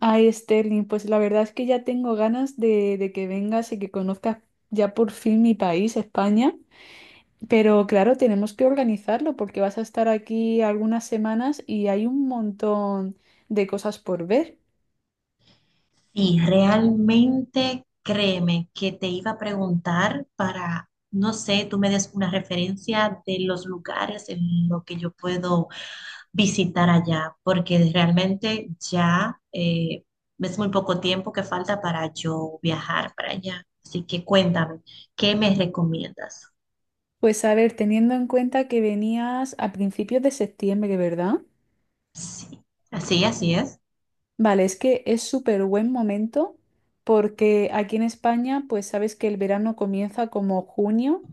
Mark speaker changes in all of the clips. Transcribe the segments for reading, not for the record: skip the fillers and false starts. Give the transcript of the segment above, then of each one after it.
Speaker 1: Ay, Sterling, pues la verdad es que ya tengo ganas de que vengas y que conozcas ya por fin mi país, España. Pero claro, tenemos que organizarlo porque vas a estar aquí algunas semanas y hay un montón de cosas por ver.
Speaker 2: Y realmente créeme que te iba a preguntar para, no sé, tú me des una referencia de los lugares en los que yo puedo visitar allá, porque realmente ya es muy poco tiempo que falta para yo viajar para allá. Así que cuéntame, ¿qué me recomiendas?
Speaker 1: Pues a ver, teniendo en cuenta que venías a principios de septiembre, ¿verdad?
Speaker 2: Sí, así es.
Speaker 1: Vale, es que es súper buen momento porque aquí en España, pues sabes que el verano comienza como junio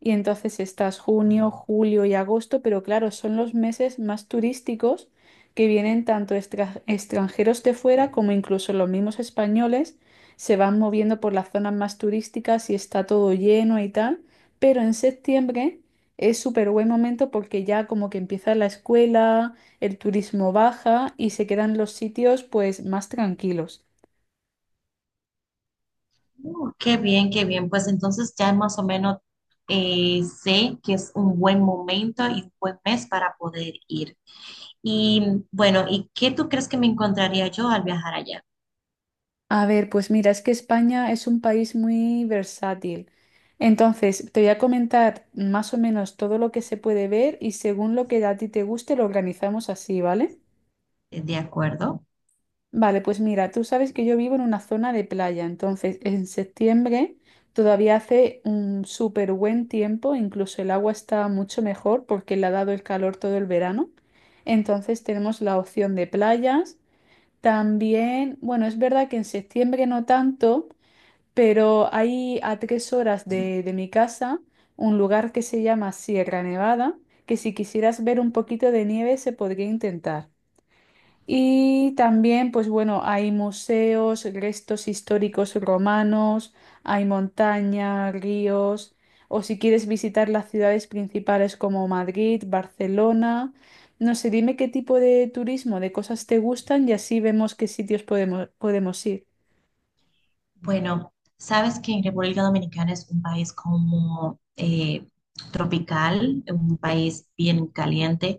Speaker 1: y entonces estás junio, julio y agosto, pero claro, son los meses más turísticos que vienen tanto extranjeros de fuera como incluso los mismos españoles se van moviendo por las zonas más turísticas y está todo lleno y tal, pero en septiembre es súper buen momento porque ya como que empieza la escuela, el turismo baja y se quedan los sitios pues más tranquilos.
Speaker 2: Oh, qué bien, qué bien. Pues entonces ya más o menos sé que es un buen momento y un buen mes para poder ir. Y bueno, ¿y qué tú crees que me encontraría yo al viajar allá?
Speaker 1: A ver, pues mira, es que España es un país muy versátil. Entonces, te voy a comentar más o menos todo lo que se puede ver y según lo que a ti te guste lo organizamos así, ¿vale?
Speaker 2: ¿De acuerdo?
Speaker 1: Vale, pues mira, tú sabes que yo vivo en una zona de playa, entonces en septiembre todavía hace un súper buen tiempo, incluso el agua está mucho mejor porque le ha dado el calor todo el verano. Entonces tenemos la opción de playas. También, bueno, es verdad que en septiembre no tanto, pero hay a 3 horas de mi casa un lugar que se llama Sierra Nevada, que si quisieras ver un poquito de nieve se podría intentar. Y también, pues bueno, hay museos, restos históricos romanos, hay montaña, ríos, o si quieres visitar las ciudades principales como Madrid, Barcelona, no sé, dime qué tipo de turismo, de cosas te gustan y así vemos qué sitios podemos ir.
Speaker 2: Bueno, sabes que en República Dominicana es un país como tropical, un país bien caliente,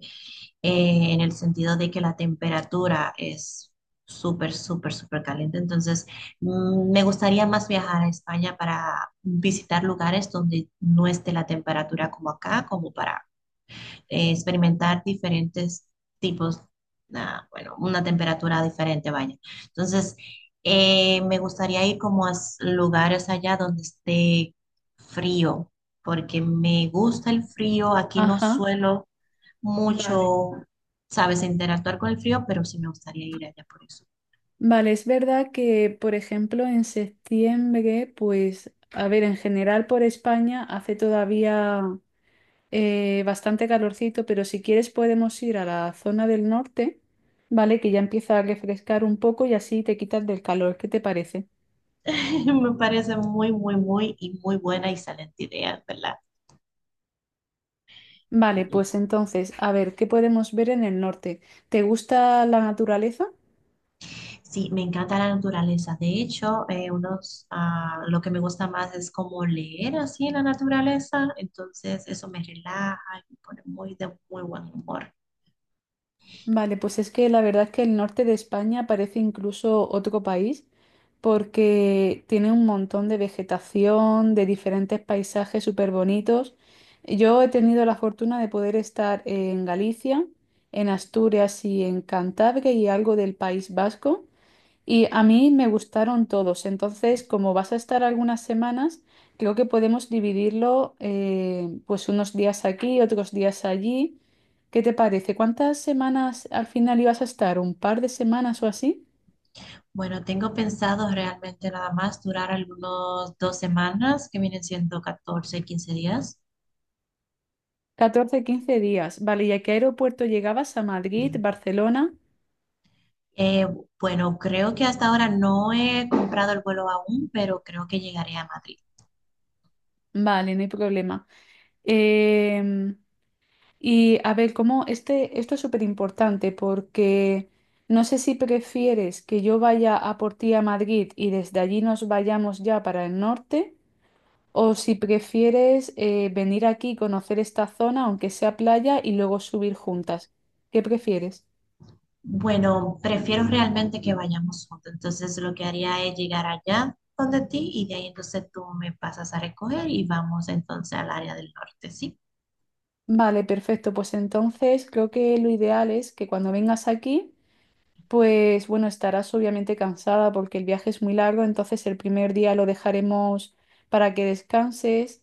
Speaker 2: en el sentido de que la temperatura es súper, súper, súper caliente. Entonces, me gustaría más viajar a España para visitar lugares donde no esté la temperatura como acá, como para experimentar diferentes tipos, bueno, una temperatura diferente, vaya. Entonces, me gustaría ir como a lugares allá donde esté frío, porque me gusta el frío. Aquí no
Speaker 1: Ajá,
Speaker 2: suelo
Speaker 1: vale.
Speaker 2: mucho, sabes, interactuar con el frío, pero sí me gustaría ir allá por eso.
Speaker 1: Vale, es verdad que, por ejemplo, en septiembre, pues, a ver, en general por España hace todavía bastante calorcito, pero si quieres podemos ir a la zona del norte, ¿vale? Que ya empieza a refrescar un poco y así te quitas del calor. ¿Qué te parece?
Speaker 2: Me parece muy, muy, muy y muy buena y excelente idea, ¿verdad?
Speaker 1: Vale, pues entonces, a ver, ¿qué podemos ver en el norte? ¿Te gusta la naturaleza?
Speaker 2: Sí, me encanta la naturaleza. De hecho, lo que me gusta más es como leer así en la naturaleza. Entonces, eso me relaja y me pone muy de muy buen humor.
Speaker 1: Vale, pues es que la verdad es que el norte de España parece incluso otro país porque tiene un montón de vegetación, de diferentes paisajes súper bonitos. Yo he tenido la fortuna de poder estar en Galicia, en Asturias y en Cantabria y algo del País Vasco. Y a mí me gustaron todos. Entonces, como vas a estar algunas semanas, creo que podemos dividirlo, pues unos días aquí, otros días allí. ¿Qué te parece? ¿Cuántas semanas al final ibas a estar? ¿Un par de semanas o así?
Speaker 2: Bueno, tengo pensado realmente nada más durar algunos 2 semanas, que vienen siendo 14 15 días.
Speaker 1: 14, 15 días. Vale, ¿y a qué aeropuerto llegabas? ¿A Madrid, Barcelona?
Speaker 2: Eh, bueno, creo que hasta ahora no he comprado el vuelo aún, pero creo que llegaré a Madrid.
Speaker 1: Vale, no hay problema. Em, Y a ver, cómo este, esto es súper importante porque no sé si prefieres que yo vaya a por ti a Madrid y desde allí nos vayamos ya para el norte, o si prefieres venir aquí, conocer esta zona, aunque sea playa, y luego subir juntas. ¿Qué prefieres?
Speaker 2: Bueno, prefiero realmente que vayamos juntos. Entonces lo que haría es llegar allá donde ti y de ahí entonces tú me pasas a recoger y vamos entonces al área del norte, ¿sí?
Speaker 1: Vale, perfecto. Pues entonces creo que lo ideal es que cuando vengas aquí, pues bueno, estarás obviamente cansada porque el viaje es muy largo, entonces el primer día lo dejaremos para que descanses.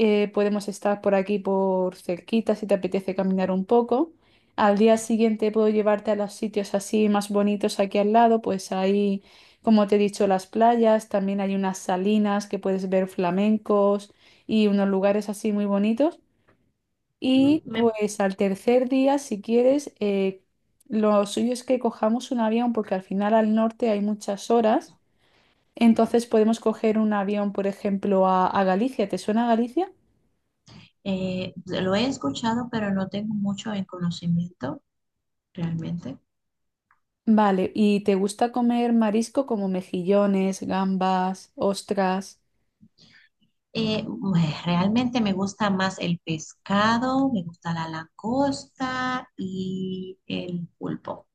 Speaker 1: Podemos estar por aquí por cerquita si te apetece caminar un poco. Al día siguiente puedo llevarte a los sitios así más bonitos aquí al lado, pues ahí, como te he dicho, las playas, también hay unas salinas que puedes ver flamencos y unos lugares así muy bonitos.
Speaker 2: Mm,
Speaker 1: Y
Speaker 2: Me,
Speaker 1: pues al tercer día, si quieres, lo suyo es que cojamos un avión porque al final al norte hay muchas horas. Entonces podemos coger un avión, por ejemplo, a Galicia. ¿Te suena Galicia?
Speaker 2: Lo he escuchado, pero no tengo mucho en conocimiento realmente.
Speaker 1: Vale, ¿y te gusta comer marisco como mejillones, gambas, ostras?
Speaker 2: Realmente me gusta más el pescado, me gusta la langosta y el pulpo.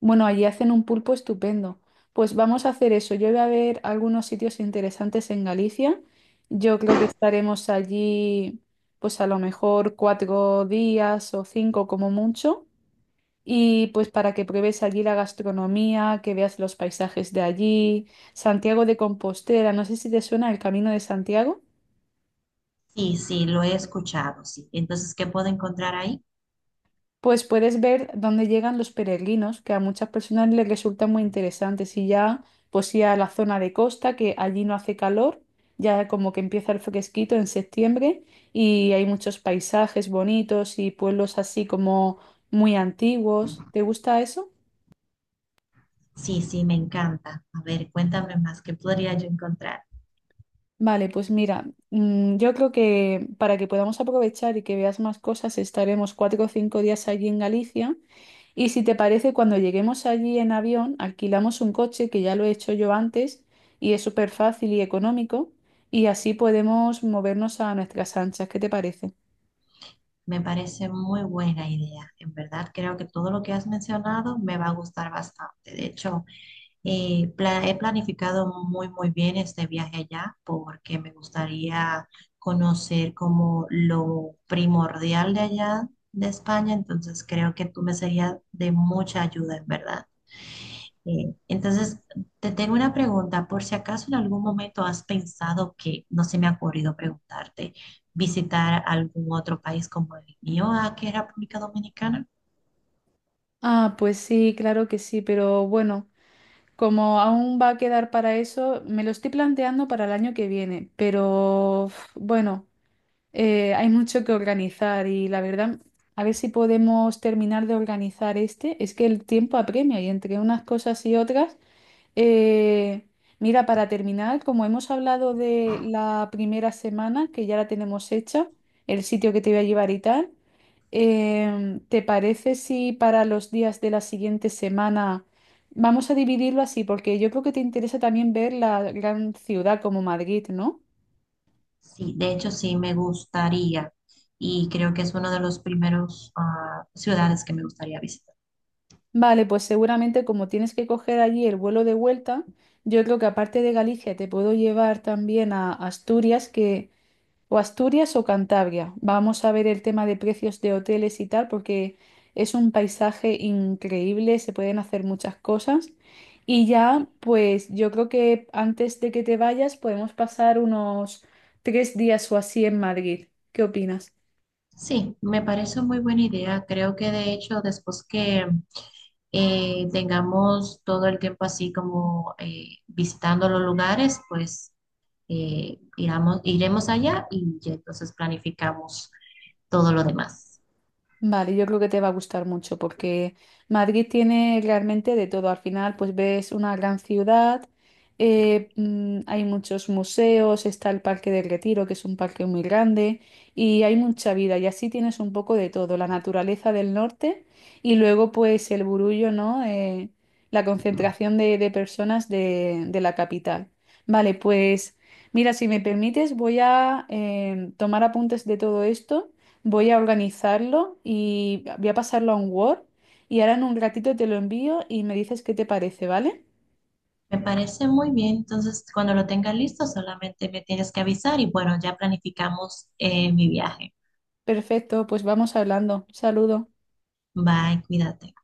Speaker 1: Bueno, allí hacen un pulpo estupendo. Pues vamos a hacer eso. Yo voy a ver algunos sitios interesantes en Galicia. Yo creo que estaremos allí, pues a lo mejor 4 días o 5 como mucho. Y pues para que pruebes allí la gastronomía, que veas los paisajes de allí, Santiago de Compostela, no sé si te suena el Camino de Santiago.
Speaker 2: Sí, sí, lo he escuchado, sí. Entonces, ¿qué puedo encontrar ahí?
Speaker 1: Pues puedes ver dónde llegan los peregrinos, que a muchas personas les resulta muy interesante. Si ya, pues ir a la zona de costa, que allí no hace calor, ya como que empieza el fresquito en septiembre y hay muchos paisajes bonitos y pueblos así como muy antiguos. ¿Te gusta eso?
Speaker 2: Sí, sí, me encanta. A ver, cuéntame más, ¿qué podría yo encontrar?
Speaker 1: Vale, pues mira, yo creo que para que podamos aprovechar y que veas más cosas, estaremos 4 o 5 días allí en Galicia. Y si te parece, cuando lleguemos allí en avión, alquilamos un coche, que ya lo he hecho yo antes, y es súper fácil y económico, y así podemos movernos a nuestras anchas. ¿Qué te parece?
Speaker 2: Me parece muy buena idea. En verdad, creo que todo lo que has mencionado me va a gustar bastante. De hecho, he planificado muy, muy bien este viaje allá porque me gustaría conocer como lo primordial de allá de España. Entonces, creo que tú me serías de mucha ayuda, en verdad. Eh, entonces, te tengo una pregunta. Por si acaso en algún momento has pensado que, no se me ha ocurrido preguntarte, visitar algún otro país como el mío, que es República Dominicana.
Speaker 1: Ah, pues sí, claro que sí, pero bueno, como aún va a quedar para eso, me lo estoy planteando para el año que viene, pero uf, bueno, hay mucho que organizar y la verdad, a ver si podemos terminar de organizar este, es que el tiempo apremia y entre unas cosas y otras. Eh, Mira, para terminar, como hemos hablado de la primera semana, que ya la tenemos hecha, el sitio que te voy a llevar y tal, ¿te parece si para los días de la siguiente semana vamos a dividirlo así? Porque yo creo que te interesa también ver la gran ciudad como Madrid, ¿no?
Speaker 2: Sí, de hecho sí me gustaría y creo que es uno de los primeros ciudades que me gustaría visitar.
Speaker 1: Vale, pues seguramente como tienes que coger allí el vuelo de vuelta, yo creo que aparte de Galicia te puedo llevar también a Asturias, que... O Asturias o Cantabria. Vamos a ver el tema de precios de hoteles y tal, porque es un paisaje increíble, se pueden hacer muchas cosas. Y ya, pues yo creo que antes de que te vayas podemos pasar unos 3 días o así en Madrid. ¿Qué opinas?
Speaker 2: Sí, me parece muy buena idea. Creo que de hecho después que tengamos todo el tiempo así como visitando los lugares, pues iremos allá y ya entonces planificamos todo lo demás.
Speaker 1: Vale, yo creo que te va a gustar mucho porque Madrid tiene realmente de todo. Al final, pues ves una gran ciudad, hay muchos museos, está el Parque del Retiro, que es un parque muy grande, y hay mucha vida. Y así tienes un poco de todo, la naturaleza del norte y luego pues el burullo, ¿no? La concentración de personas de la capital. Vale, pues mira, si me permites, voy a tomar apuntes de todo esto. Voy a organizarlo y voy a pasarlo a un Word y ahora en un ratito te lo envío y me dices qué te parece, ¿vale?
Speaker 2: Me parece muy bien. Entonces, cuando lo tenga listo, solamente me tienes que avisar y bueno, ya planificamos mi viaje.
Speaker 1: Perfecto, pues vamos hablando. Saludos.
Speaker 2: Bye, cuídate.